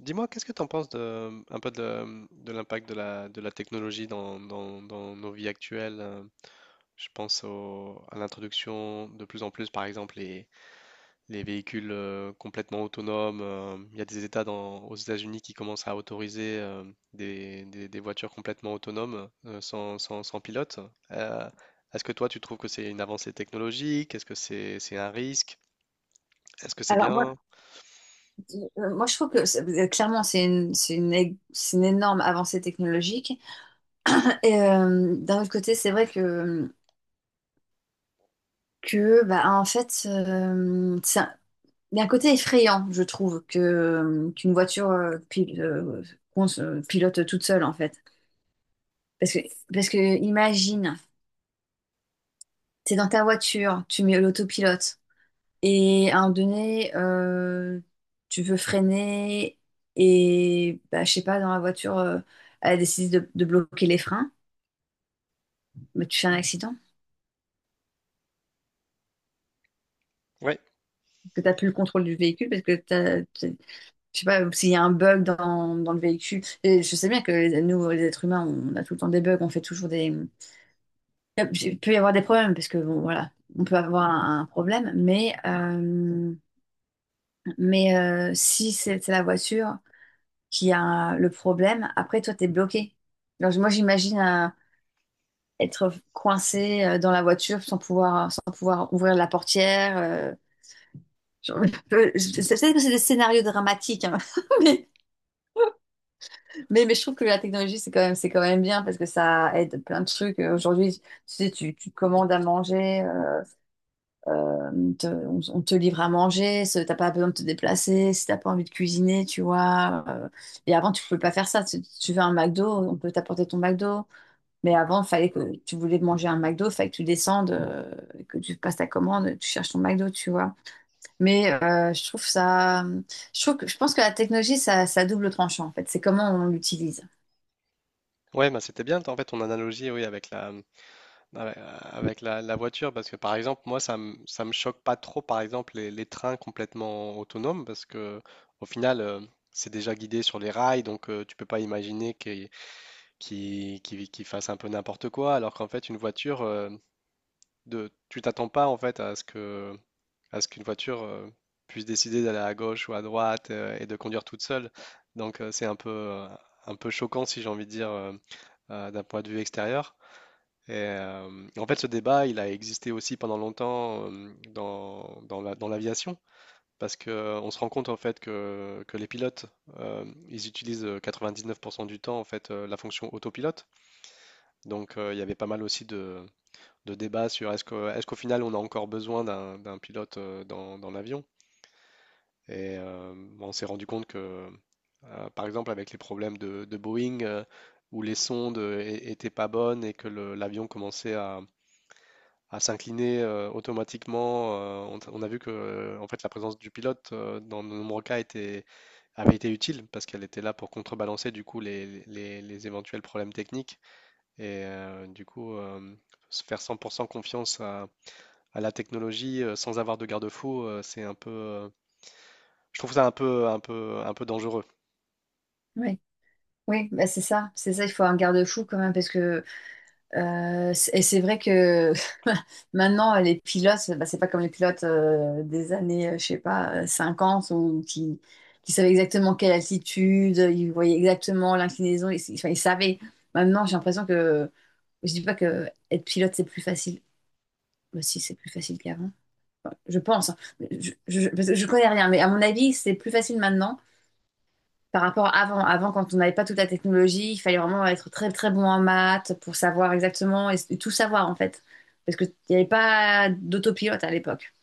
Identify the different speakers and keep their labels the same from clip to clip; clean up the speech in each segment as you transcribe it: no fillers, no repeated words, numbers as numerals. Speaker 1: Dis-moi, qu'est-ce que tu en penses de l'impact de la technologie dans nos vies actuelles? Je pense à l'introduction de plus en plus, par exemple, les véhicules complètement autonomes. Il y a des États aux États-Unis qui commencent à autoriser des voitures complètement autonomes, sans pilote. Euh, est-ce que toi, tu trouves que c'est une avancée technologique? Est-ce que c'est un risque? Est-ce que c'est
Speaker 2: Alors moi,
Speaker 1: bien?
Speaker 2: moi je trouve que clairement c'est une énorme avancée technologique. Et d'un autre côté, c'est vrai que, en fait, il y a un côté effrayant, je trouve, qu'une voiture pilote toute seule en fait. Parce que, parce que imagine, t'es dans ta voiture, tu mets l'autopilote. Et à un moment donné, tu veux freiner et, bah, je sais pas, dans la voiture, elle décide de bloquer les freins, mais tu fais un accident,
Speaker 1: Ouais,
Speaker 2: que tu n'as plus le contrôle du véhicule parce que je sais pas, s'il y a un bug dans le véhicule. Et je sais bien que nous, les êtres humains, on a tout le temps des bugs, on fait toujours des... Il peut y avoir des problèmes parce que, bon, voilà, on peut avoir un problème, mais, si c'est la voiture... qui a le problème, après toi, t'es bloqué. Alors, moi, j'imagine être coincé dans la voiture sans pouvoir ouvrir la portière. Genre, c'est peut-être que c'est des scénarios dramatiques, hein, mais, mais je trouve que la technologie, c'est quand même bien parce que ça aide plein de trucs. Aujourd'hui, tu sais, tu commandes à manger, on te livre à manger, t'as pas besoin de te déplacer, si t'as pas envie de cuisiner, tu vois. Et avant, tu pouvais pas faire ça. Tu veux un McDo, on peut t'apporter ton McDo. Mais avant, il fallait que tu voulais manger un McDo, il fallait que tu descendes, que tu passes ta commande, tu cherches ton McDo, tu vois. Mais euh, je trouve ça, je trouve que, je pense que la technologie, ça a double tranchant en fait. C'est comment on l'utilise.
Speaker 1: ouais, bah c'était bien en fait ton analogie oui avec la voiture, parce que par exemple, moi, ça me choque pas trop, par exemple, les trains complètement autonomes, parce que au final, c'est déjà guidé sur les rails, donc tu peux pas imaginer qu'ils fassent un peu n'importe quoi, alors qu'en fait, une voiture, tu t'attends pas en fait à ce qu'une voiture puisse décider d'aller à gauche ou à droite et de conduire toute seule. Donc, c'est un peu choquant, si j'ai envie de dire, d'un point de vue extérieur. Et, en fait, ce débat, il a existé aussi pendant longtemps dans l'aviation, parce que on se rend compte en fait que les pilotes, ils utilisent 99% du temps en fait la fonction autopilote. Donc, il y avait pas mal aussi de débats sur est-ce qu'au final, on a encore besoin d'un pilote dans l'avion? Et on s'est rendu compte que, par exemple, avec les problèmes de Boeing, où les sondes étaient pas bonnes et que l'avion commençait à s'incliner automatiquement. On a vu que en fait, la présence du pilote dans de nombreux cas avait été utile parce qu'elle était là pour contrebalancer du coup les, les éventuels problèmes techniques et du coup se faire 100% confiance à la technologie sans avoir de garde-fou, c'est un peu, je trouve ça un peu, un peu, un peu dangereux.
Speaker 2: Oui, oui, bah c'est ça, c'est ça. Il faut un garde-fou quand même parce que et c'est vrai que maintenant, les pilotes, bah, c'est pas comme les pilotes des années, je sais pas, 50 ou qui savaient exactement quelle altitude, ils voyaient exactement l'inclinaison, enfin, ils savaient. Maintenant, j'ai l'impression que je dis pas que être pilote c'est plus facile. Bah, si, c'est plus facile qu'avant. Enfin, je pense, hein. Parce que je connais rien, mais à mon avis, c'est plus facile maintenant par rapport à avant, avant quand on n'avait pas toute la technologie, il fallait vraiment être très très bon en maths pour savoir exactement tout savoir en fait, parce qu'il n'y avait pas d'autopilote à l'époque.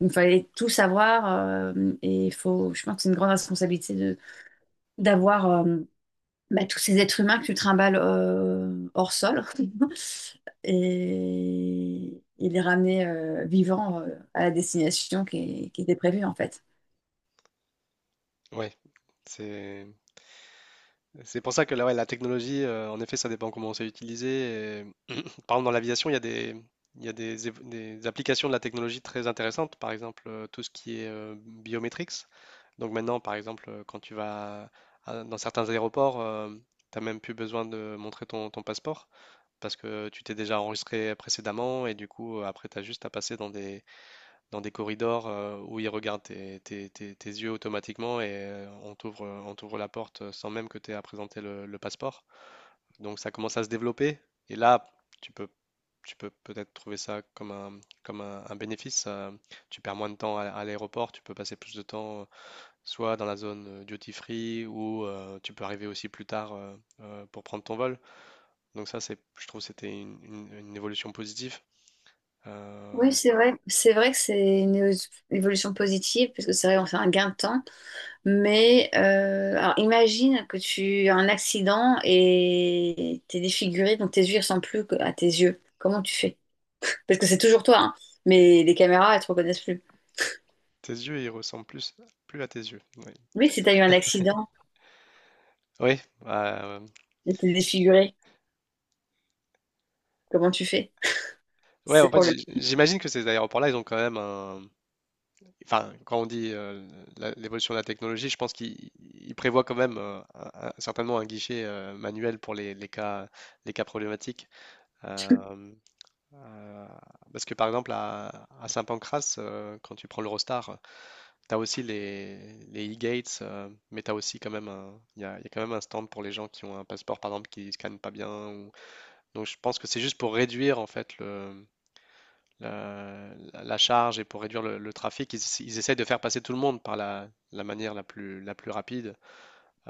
Speaker 2: Il fallait tout savoir et il faut, je pense que c'est une grande responsabilité de d'avoir bah, tous ces êtres humains que tu trimbales hors sol et les ramener vivants à la destination qui était prévue en fait.
Speaker 1: Ouais, c'est c'est pour ça que là, ouais, la technologie, en effet, ça dépend comment c'est utilisé. Par exemple, dans l'aviation, il y a des, il y a des, év- des applications de la technologie très intéressantes, par exemple tout ce qui est biometrics. Donc maintenant, par exemple, quand tu vas dans certains aéroports, tu n'as même plus besoin de montrer ton passeport parce que tu t'es déjà enregistré précédemment et du coup, après, tu as juste à passer dans des corridors où ils regardent tes yeux automatiquement et on t'ouvre la porte sans même que tu aies à présenter le passeport. Donc ça commence à se développer et là, tu peux tu peux peut-être trouver ça comme un bénéfice. Tu perds moins de temps à l'aéroport, tu peux passer plus de temps soit dans la zone duty free ou tu peux arriver aussi plus tard pour prendre ton vol. Donc ça, c'est, je trouve, que c'était une, une évolution positive.
Speaker 2: Oui,
Speaker 1: Euh,
Speaker 2: c'est vrai. C'est vrai que c'est une évolution positive, parce que c'est vrai, on fait un gain de temps. Alors imagine que tu as un accident et t'es défiguré, donc tes yeux ne ressemblent plus à tes yeux. Comment tu fais? Parce que c'est toujours toi, hein, mais les caméras, elles te reconnaissent plus.
Speaker 1: tes yeux, ils ressemblent plus à tes yeux. Oui,
Speaker 2: Oui, si tu as eu un accident
Speaker 1: oui, euh,
Speaker 2: et t'es défiguré, comment tu fais?
Speaker 1: ouais.
Speaker 2: C'est
Speaker 1: En fait, j'-
Speaker 2: problématique.
Speaker 1: j'imagine que ces aéroports-là, ils ont quand même enfin, quand on dit l'évolution de la technologie, je pense qu'il il prévoit quand même certainement un guichet manuel pour les cas problématiques. Euh, euh, parce que par exemple, à Saint-Pancras, quand tu prends l'Eurostar, tu as aussi les e-gates, mais tu as aussi quand même un, il y a quand même un stand pour les gens qui ont un passeport, par exemple, qui ne scannent pas bien. Donc je pense que c'est juste pour réduire en fait la charge et pour réduire le trafic, ils essayent de faire passer tout le monde par la manière la plus rapide.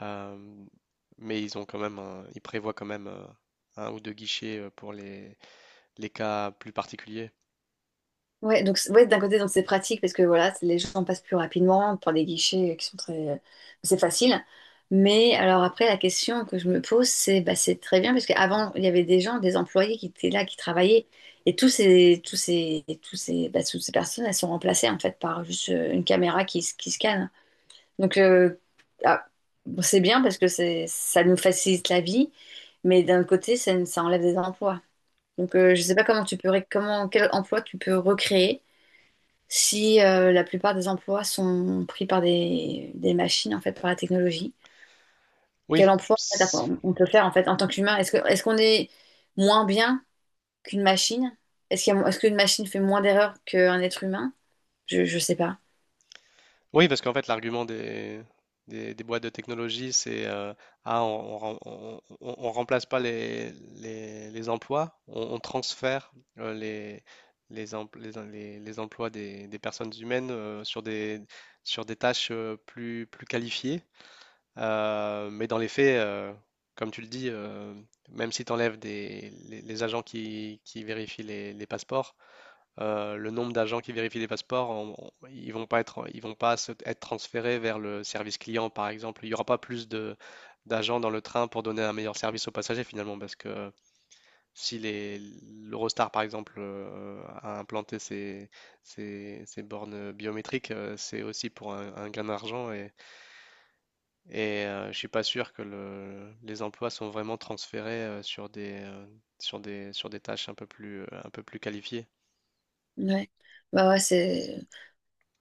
Speaker 1: Euh, mais ils ont quand même ils prévoient quand même un ou deux guichets pour les cas plus particuliers.
Speaker 2: Ouais, d'un côté, donc c'est pratique parce que voilà, les gens passent plus rapidement par des guichets qui sont très. C'est facile. Mais alors après, la question que je me pose, c'est bah, c'est très bien parce qu'avant, il y avait des gens, des employés qui étaient là, qui travaillaient. Et toutes ces personnes, elles sont remplacées en fait par juste une caméra qui scanne. Donc euh, ah, bon, c'est bien parce que c'est, ça nous facilite la vie, mais d'un côté, ça enlève des emplois. Donc je sais pas comment tu peux, quel emploi tu peux recréer si la plupart des emplois sont pris par des machines, en fait, par la technologie, quel
Speaker 1: Oui,
Speaker 2: emploi en fait, on peut faire en fait en tant qu'humain? Est-ce qu'on est moins bien qu'une machine? Est-ce qu'une machine fait moins d'erreurs qu'un être humain? Je sais pas.
Speaker 1: oui, parce qu'en fait, l'argument des boîtes de technologie, c'est ah, on remplace pas les emplois, on transfère euh, les, les, empl- les, em- les emplois des personnes humaines sur sur des tâches plus qualifiées. Mais dans les faits, comme tu le dis, même si tu enlèves les agents qui vérifient les passeports, le nombre d'agents qui vérifient les passeports, ils vont pas être, ils vont pas se- être transférés vers le service client, par exemple. Il n'y aura pas plus de d'agents dans le train pour donner un meilleur service aux passagers finalement, parce que si les l'Eurostar par exemple a implanté ses bornes biométriques, c'est aussi pour un gain d'argent et je suis pas sûr que les emplois sont vraiment transférés sur des tâches un peu plus qualifiées.
Speaker 2: Ouais. Bah ouais, c'est.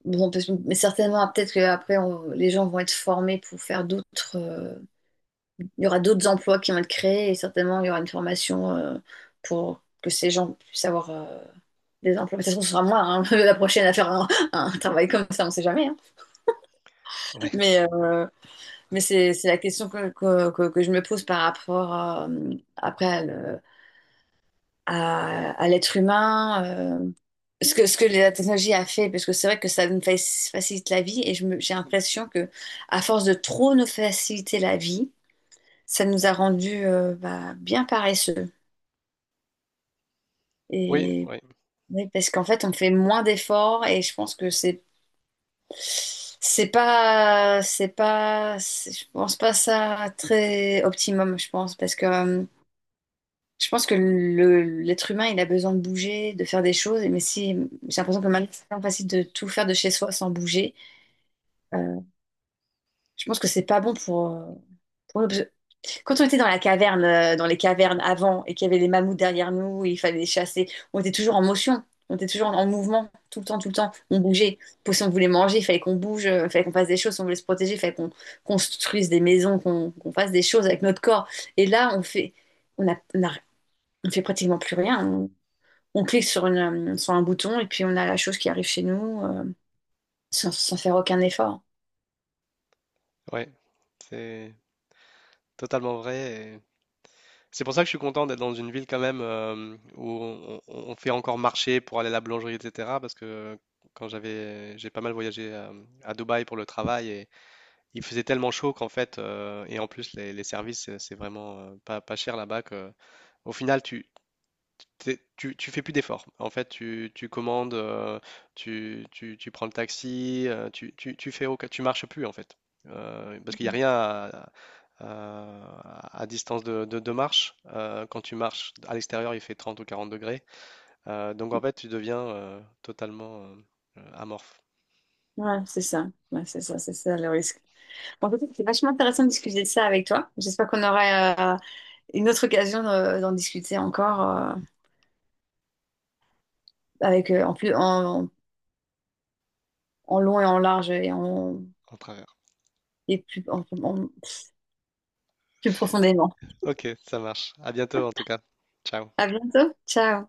Speaker 2: Bon, on peut mais certainement, ah, peut-être qu'après, les gens vont être formés pour faire d'autres. Il y aura d'autres emplois qui vont être créés et certainement, il y aura une formation pour que ces gens puissent avoir. Les implantations, ce sera moi, hein, la prochaine à faire un travail comme ça, on ne sait jamais, hein.
Speaker 1: Ouais.
Speaker 2: Mais, euh, c'est la question que je me pose par rapport à, à l'être humain, euh, ce que la technologie a fait, parce que c'est vrai que ça nous facilite la vie et j'ai l'impression que à force de trop nous faciliter la vie, ça nous a rendu bien paresseux.
Speaker 1: Oui,
Speaker 2: Et,
Speaker 1: oui.
Speaker 2: oui, parce qu'en fait, on fait moins d'efforts et je pense que c'est je pense pas ça très optimum, je pense, parce que je pense que l'être humain, il a besoin de bouger, de faire des choses, mais si j'ai l'impression que maintenant, c'est tellement facile de tout faire de chez soi sans bouger, euh, je pense que c'est pas bon pour nous. Quand on était dans la caverne, dans les cavernes avant, et qu'il y avait les mammouths derrière nous, il fallait les chasser, on était toujours en motion, on était toujours en mouvement, tout le temps, tout le temps. On bougeait. Pour, si on voulait manger, il fallait qu'on bouge, il fallait qu'on fasse des choses. Si on voulait se protéger, il fallait qu'on construise des maisons, qu'on fasse des choses avec notre corps. Et là, on a, on a- on fait pratiquement plus rien. On clique sur une, sur un bouton et puis on a la chose qui arrive chez nous, sans faire aucun effort.
Speaker 1: Ouais, c'est totalement vrai, et c'est pour ça que je suis content d'être dans une ville quand même où on fait encore marcher pour aller à la boulangerie, etc. Parce que quand j'ai pas mal voyagé Dubaï pour le travail et il faisait tellement chaud qu'en fait, et en plus les services, c'est vraiment pas cher là-bas que au final, tu fais plus d'efforts. En fait, tu commandes, tu prends le taxi, tu, tu, tu fais aucun- tu marches plus en fait. Parce qu'il n'y a rien à distance de marche. Quand tu marches à l'extérieur, il fait 30 ou 40 degrés. Donc en fait, tu deviens totalement amorphe
Speaker 2: Ouais, c'est ça. Ouais, c'est ça le risque. Bon, en fait, c'est vachement intéressant de discuter de ça avec toi. J'espère qu'on aura une autre occasion d'en discuter encore avec en long et en large et en
Speaker 1: en travers.
Speaker 2: et plus plus profondément.
Speaker 1: Ok, ça marche. À bientôt en tout cas. Ciao.
Speaker 2: À bientôt. Ciao.